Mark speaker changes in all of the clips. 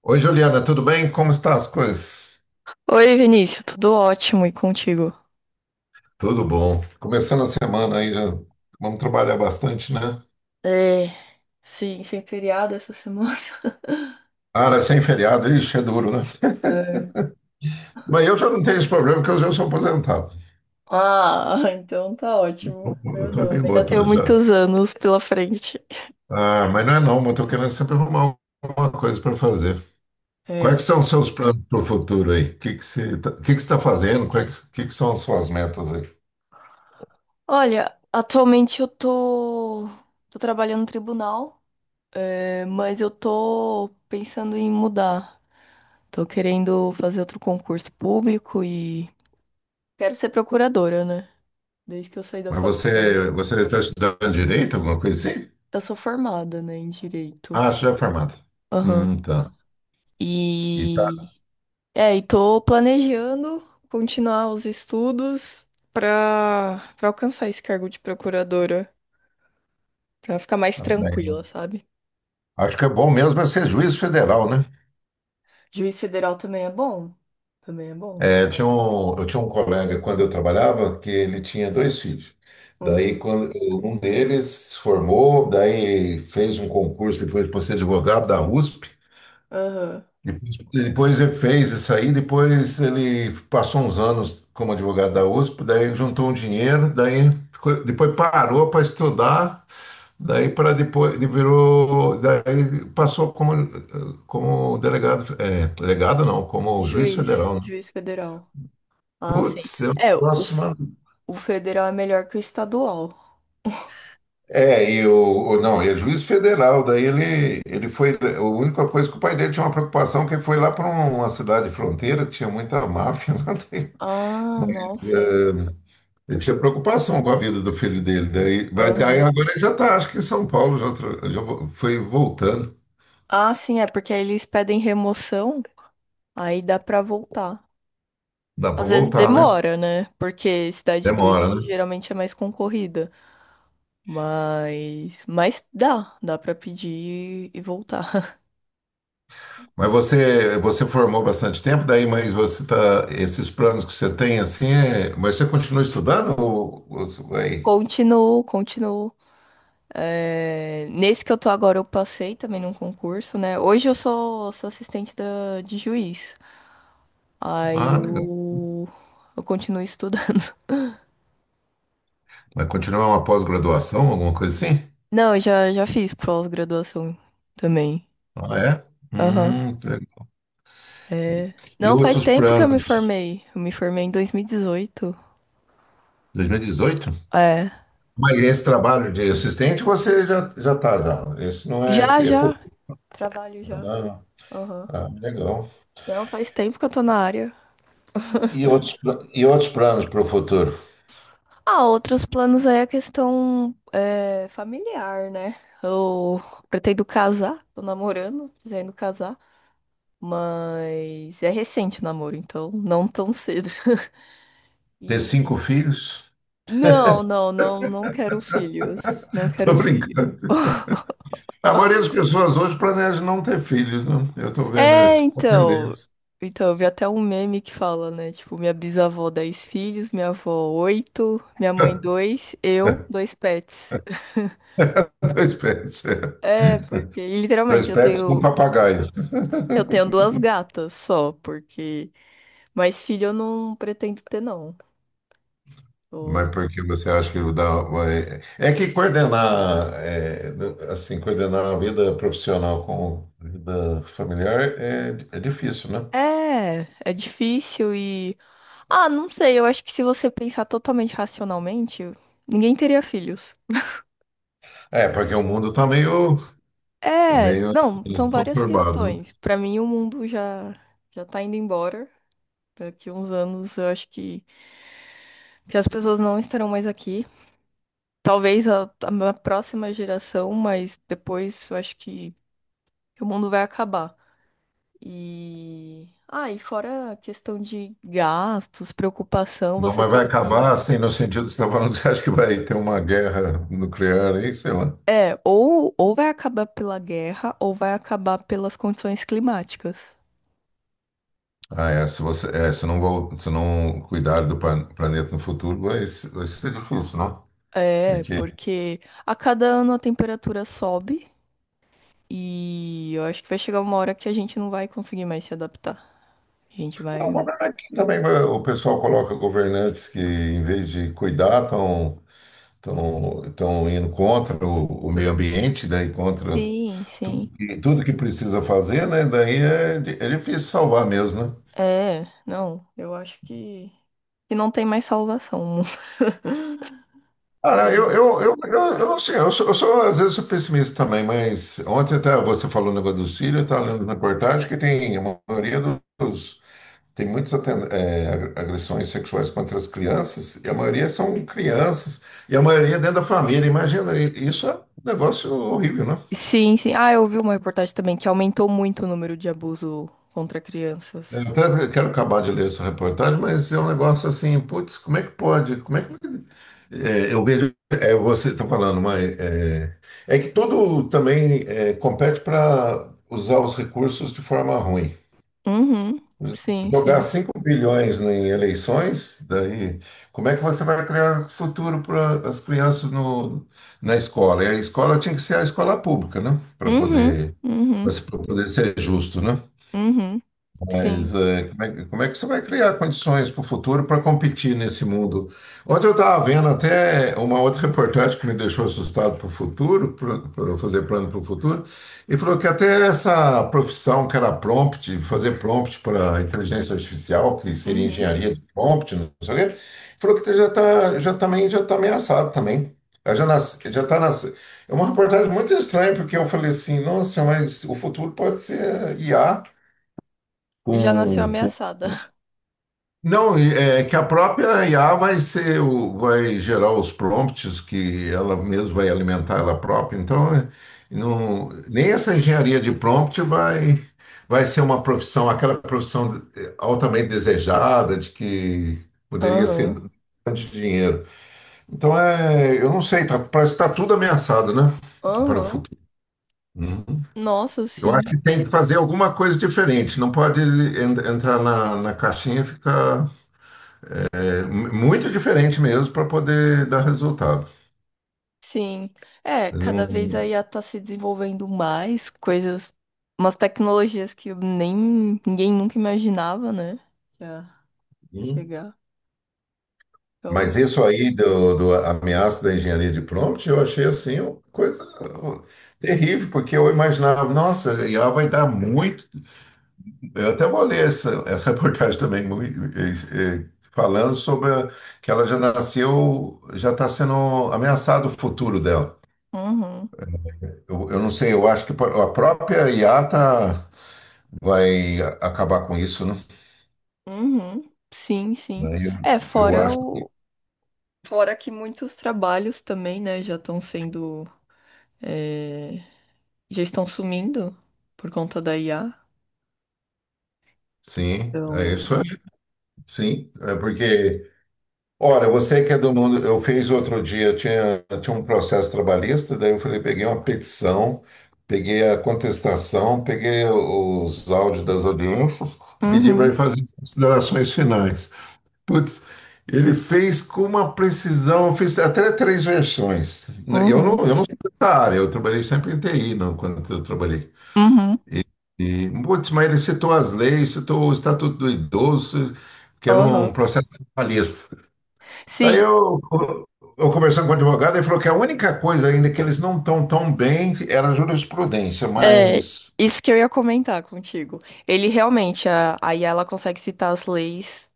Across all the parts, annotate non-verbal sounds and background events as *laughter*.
Speaker 1: Oi, Juliana, tudo bem? Como estão as coisas?
Speaker 2: Oi, Vinícius, tudo ótimo e contigo?
Speaker 1: Tudo bom. Começando a semana aí, já vamos trabalhar bastante, né?
Speaker 2: É, sim, sem feriado essa semana. *laughs*
Speaker 1: Cara, sem feriado, ixi, é duro, né?
Speaker 2: É.
Speaker 1: *laughs* Mas eu já não tenho esse problema, porque eu já sou aposentado.
Speaker 2: Ah, então tá ótimo.
Speaker 1: Eu
Speaker 2: Eu
Speaker 1: tô
Speaker 2: não,
Speaker 1: em
Speaker 2: ainda tenho
Speaker 1: outra já.
Speaker 2: muitos anos pela frente.
Speaker 1: Ah, mas não é não, mas eu tô querendo sempre arrumar alguma coisa para fazer. Quais que
Speaker 2: É.
Speaker 1: são os seus planos para o futuro aí? O que que você tá, o que que você tá fazendo? Quais, o que que são as suas metas aí?
Speaker 2: Olha, atualmente eu tô trabalhando no tribunal, mas eu tô pensando em mudar. Tô querendo fazer outro concurso público e quero ser procuradora, né? Desde que eu saí da
Speaker 1: Mas
Speaker 2: faculdade.
Speaker 1: você está estudando direito, alguma coisa assim?
Speaker 2: Eu sou formada, né, em direito.
Speaker 1: Ah, você já é formada.
Speaker 2: Aham.
Speaker 1: Tá. E tá.
Speaker 2: E e tô planejando continuar os estudos pra para alcançar esse cargo de procuradora, pra ficar mais
Speaker 1: Tá bem, né?
Speaker 2: tranquila, sabe?
Speaker 1: Acho que é bom mesmo é ser juiz federal, né?
Speaker 2: Juiz federal também é bom. Também é bom.
Speaker 1: É, eu tinha um colega quando eu trabalhava que ele tinha dois filhos. Daí
Speaker 2: Uhum.
Speaker 1: quando um deles formou, daí fez um concurso depois para ser advogado da USP.
Speaker 2: Aham.
Speaker 1: Depois ele fez isso aí, depois ele passou uns anos como advogado da USP, daí juntou um dinheiro, depois parou para estudar. Daí para depois ele virou, daí passou como, delegado, é, delegado não, como juiz
Speaker 2: Juiz,
Speaker 1: federal, né?
Speaker 2: juiz federal. Ah, sim.
Speaker 1: Putz, é um
Speaker 2: É, o,
Speaker 1: negócio maluco.
Speaker 2: o federal é melhor que o estadual.
Speaker 1: É, e o, não, ele é juiz federal, daí ele foi, a única coisa que o pai dele tinha uma preocupação, é que ele foi lá para uma cidade fronteira, que tinha muita máfia lá, daí,
Speaker 2: Ah,
Speaker 1: mas
Speaker 2: nossa.
Speaker 1: ele tinha preocupação com a vida do filho dele, daí, mas daí
Speaker 2: Aham.
Speaker 1: agora ele já está, acho que em São Paulo, já, foi voltando,
Speaker 2: Ah, sim, é porque aí eles pedem remoção, aí dá pra voltar.
Speaker 1: dá para
Speaker 2: Às vezes
Speaker 1: voltar, né?
Speaker 2: demora, né? Porque cidade grande
Speaker 1: Demora, né?
Speaker 2: geralmente é mais concorrida. Mas dá pra pedir e voltar. *laughs*
Speaker 1: Mas você formou bastante tempo daí, mas você tá, esses planos que você tem assim, mas você continua estudando ou você vai?
Speaker 2: Continuo, continuo. É, nesse que eu tô agora, eu passei também num concurso, né? Hoje eu sou assistente de juiz. Aí
Speaker 1: Ah, legal.
Speaker 2: eu continuo estudando.
Speaker 1: Vai continuar uma pós-graduação, alguma coisa assim?
Speaker 2: *laughs* Não, eu já fiz pós-graduação também.
Speaker 1: Ah, é?
Speaker 2: Aham.
Speaker 1: Que legal.
Speaker 2: É.
Speaker 1: E
Speaker 2: Não, faz
Speaker 1: outros
Speaker 2: tempo que eu me
Speaker 1: planos?
Speaker 2: formei. Eu me formei em 2018.
Speaker 1: 2018.
Speaker 2: É.
Speaker 1: Mas esse trabalho de assistente você já tá já. Esse não é que
Speaker 2: Já,
Speaker 1: é
Speaker 2: já.
Speaker 1: futuro.
Speaker 2: Trabalho já.
Speaker 1: Ah,
Speaker 2: Aham.
Speaker 1: ah, legal.
Speaker 2: Não, faz tempo que eu tô na área.
Speaker 1: E outros planos para o futuro?
Speaker 2: Ah, outros planos aí é a questão é, familiar, né? Eu pretendo casar, tô namorando, pretendo casar, mas é recente o namoro, então não tão cedo. *laughs*
Speaker 1: Ter
Speaker 2: E
Speaker 1: cinco filhos?
Speaker 2: não, não, não, não quero filhos. Não
Speaker 1: *laughs* Tô
Speaker 2: quero filho.
Speaker 1: brincando.
Speaker 2: *laughs*
Speaker 1: A maioria das pessoas hoje planeja não ter filhos, né? Eu estou vendo
Speaker 2: É,
Speaker 1: essa
Speaker 2: então.
Speaker 1: tendência.
Speaker 2: Então, eu vi até um meme que fala, né? Tipo, minha bisavó, 10 filhos, minha avó, 8, minha mãe, 2, eu,
Speaker 1: *laughs*
Speaker 2: dois pets. *laughs*
Speaker 1: Dois pets, é.
Speaker 2: É, porque
Speaker 1: Dois
Speaker 2: literalmente eu
Speaker 1: pets e um
Speaker 2: tenho.
Speaker 1: papagaio.
Speaker 2: Eu tenho duas gatas só, porque mais filho eu não pretendo ter, não.
Speaker 1: Mas
Speaker 2: Eu-
Speaker 1: por que você acha que É que coordenar, é, assim, coordenar a vida profissional com a vida familiar é difícil, né?
Speaker 2: é difícil e. Ah, não sei, eu acho que se você pensar totalmente racionalmente, ninguém teria filhos.
Speaker 1: É, porque o mundo está meio, tá
Speaker 2: É,
Speaker 1: meio
Speaker 2: não, são
Speaker 1: assim,
Speaker 2: várias
Speaker 1: conturbado, né?
Speaker 2: questões. Pra mim, o mundo já já tá indo embora. Daqui uns anos, eu acho que as pessoas não estarão mais aqui. Talvez a minha próxima geração, mas depois eu acho que o mundo vai acabar. E. Ah, e fora a questão de gastos, preocupação,
Speaker 1: Não,
Speaker 2: você
Speaker 1: mas vai
Speaker 2: tem
Speaker 1: acabar,
Speaker 2: que.
Speaker 1: assim, no sentido que você está falando, *laughs* você acha que vai ter uma guerra nuclear aí, sei lá.
Speaker 2: É, ou vai acabar pela guerra, ou vai acabar pelas condições climáticas.
Speaker 1: Ah, é, se não, se não cuidar do planeta no futuro, vai, se- vai ser difícil, né?
Speaker 2: É,
Speaker 1: Porque
Speaker 2: porque a cada ano a temperatura sobe e eu acho que vai chegar uma hora que a gente não vai conseguir mais se adaptar. A gente
Speaker 1: Não, o
Speaker 2: vai.
Speaker 1: problema é que também o pessoal coloca governantes que, em vez de cuidar, estão tão indo contra o meio ambiente, daí contra
Speaker 2: Sim,
Speaker 1: tudo
Speaker 2: sim.
Speaker 1: que, tudo que precisa fazer, né? Daí é difícil salvar mesmo, né?
Speaker 2: É, não, eu acho que não tem mais salvação. *laughs*
Speaker 1: Cara, eu,
Speaker 2: É.
Speaker 1: eu, eu, eu, eu não sei, eu sou, às vezes sou pessimista também, mas ontem até você falou o negócio do Círio, eu estava lendo na reportagem que tem a maioria dos tem muitas é, agressões sexuais contra as crianças, e a maioria são crianças, e a maioria dentro da família. Imagina, isso é um negócio horrível, né?
Speaker 2: Sim, sim. Ah, eu vi uma reportagem também que aumentou muito o número de abuso contra crianças.
Speaker 1: Eu até quero acabar de ler essa reportagem, mas é um negócio assim, putz, como é que pode? Como é que. É, eu vejo, é, você está falando, mas é que tudo também é, compete para usar os recursos de forma ruim.
Speaker 2: Uhum, sim,
Speaker 1: Jogar
Speaker 2: sim.
Speaker 1: 5 bilhões em eleições, daí, como é que você vai criar futuro para as crianças no, na escola? E a escola tinha que ser a escola pública, né? Para
Speaker 2: Uhum,
Speaker 1: poder,
Speaker 2: uhum,
Speaker 1: para poder ser justo, né?
Speaker 2: uhum, sim,
Speaker 1: Mas, é, como é que você vai criar condições para o futuro para competir nesse mundo? Ontem eu estava vendo até uma outra reportagem que me deixou assustado para o futuro, para fazer plano para o futuro, e falou que até essa profissão que era prompt, fazer prompt para inteligência artificial, que seria
Speaker 2: uhum.
Speaker 1: engenharia de prompt, não sei o quê, falou que já está já também já tá ameaçado também. Ela Já nas, já tá nas, É uma reportagem muito estranha, porque eu falei assim, nossa, mas o futuro pode ser IA
Speaker 2: Já nasceu
Speaker 1: com,
Speaker 2: ameaçada.
Speaker 1: não, é que a própria IA vai ser vai gerar os prompts que ela mesma vai alimentar ela própria. Então, é, não, nem essa engenharia de prompt vai ser uma profissão, aquela profissão altamente desejada de que
Speaker 2: *laughs*
Speaker 1: poderia ser
Speaker 2: Aham,
Speaker 1: de dinheiro. Então, é, eu não sei, tá, parece que está tudo ameaçado, né, para o
Speaker 2: aham.
Speaker 1: futuro. Uhum.
Speaker 2: Nossa,
Speaker 1: Eu acho
Speaker 2: sim,
Speaker 1: que tem que fazer alguma coisa diferente. Não pode entrar na caixinha e ficar. Muito diferente mesmo para poder dar resultado.
Speaker 2: sim. É, cada vez a
Speaker 1: Não-
Speaker 2: IA tá se desenvolvendo mais coisas, umas tecnologias que nem ninguém nunca imaginava, né? Já
Speaker 1: não-
Speaker 2: chegar.
Speaker 1: Mas
Speaker 2: Realmente.
Speaker 1: isso aí do ameaço da engenharia de prompt, eu achei assim uma coisa terrível, porque eu imaginava, nossa, IA vai dar muito. Eu até vou ler essa *laughs* reportagem também, muito, falando sobre que ela já nasceu, já está sendo ameaçado o futuro dela.
Speaker 2: Uhum,
Speaker 1: Eu não sei, eu acho que a própria IA tá, vai acabar com isso, né?
Speaker 2: uhum. Sim, sim.
Speaker 1: Aí Eu
Speaker 2: É,
Speaker 1: eu
Speaker 2: fora
Speaker 1: acho.
Speaker 2: o. Fora que muitos trabalhos também, né, já estão sendo. é, Já estão sumindo por conta da IA.
Speaker 1: Sim, é
Speaker 2: Então.
Speaker 1: isso aí. Sim, é porque, olha, você que é do mundo, eu fiz outro dia, eu tinha um processo trabalhista, daí eu falei, peguei uma petição, peguei a contestação, peguei os áudios das audiências, pedi para ele
Speaker 2: Uhum,
Speaker 1: fazer considerações finais. Putz, ele fez com uma precisão, eu fiz até três versões. Eu não,
Speaker 2: uhum,
Speaker 1: eu não sou dessa área, eu trabalhei sempre em TI, não, quando eu trabalhei.
Speaker 2: uhum.
Speaker 1: E, putz, mas ele citou as leis, citou o Estatuto do Idoso, que era um
Speaker 2: Aham.
Speaker 1: processo trabalhista. Daí
Speaker 2: Sim,
Speaker 1: eu, eu conversando com o advogado, ele falou que a única coisa ainda que eles não estão tão bem era a jurisprudência,
Speaker 2: é,
Speaker 1: mas
Speaker 2: isso que eu ia comentar contigo. Ele realmente, a Yala consegue citar as leis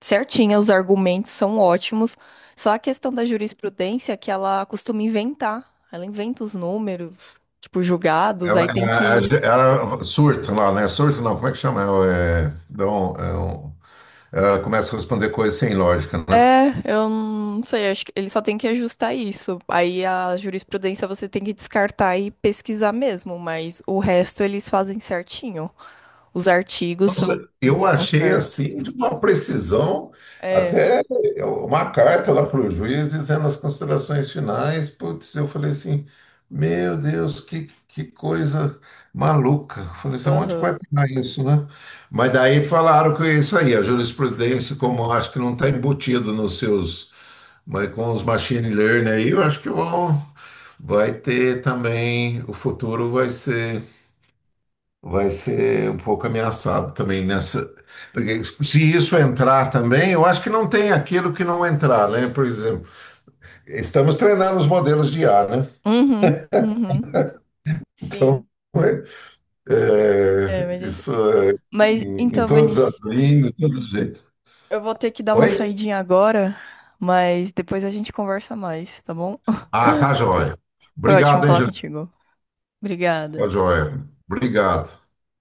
Speaker 2: certinha, os argumentos são ótimos. Só a questão da jurisprudência que ela costuma inventar. Ela inventa os números, tipo, julgados, aí
Speaker 1: era,
Speaker 2: tem que.
Speaker 1: era- era surto lá, né? Surta não, como é que chama? É, dá um- é um- ela começa a responder coisas sem lógica, né?
Speaker 2: É, eu não sei, acho que ele só tem que ajustar isso. Aí a jurisprudência você tem que descartar e pesquisar mesmo, mas o resto eles fazem certinho. Os artigos são,
Speaker 1: Nossa, eu
Speaker 2: são
Speaker 1: achei
Speaker 2: certos.
Speaker 1: assim de uma precisão,
Speaker 2: É,
Speaker 1: até uma carta lá para o juiz dizendo as considerações finais. Putz, eu falei assim, meu Deus, que coisa maluca. Eu falei assim, onde que
Speaker 2: aham.
Speaker 1: vai pegar isso, né? Mas daí falaram que é isso aí, a jurisprudência, como eu acho que não está embutido nos seus, mas com os machine learning aí, eu acho que vão, vai ter também, o futuro vai ser um pouco ameaçado também nessa. Porque se isso entrar também, eu acho que não tem aquilo que não entrar, né? Por exemplo, estamos treinando os modelos de IA, né?
Speaker 2: Uhum, uhum,
Speaker 1: Então,
Speaker 2: sim.
Speaker 1: *laughs*
Speaker 2: É, mas,
Speaker 1: é,
Speaker 2: é isso.
Speaker 1: isso é,
Speaker 2: Mas
Speaker 1: em
Speaker 2: então,
Speaker 1: todas as
Speaker 2: Vinícius,
Speaker 1: línguas, de todo jeito.
Speaker 2: eu vou ter que dar uma
Speaker 1: Oi?
Speaker 2: saidinha agora, mas depois a gente conversa mais, tá bom?
Speaker 1: Ah, tá joia.
Speaker 2: Foi ótimo
Speaker 1: Obrigado,
Speaker 2: falar
Speaker 1: Angelina.
Speaker 2: contigo. Obrigada.
Speaker 1: Tá joia. Obrigado.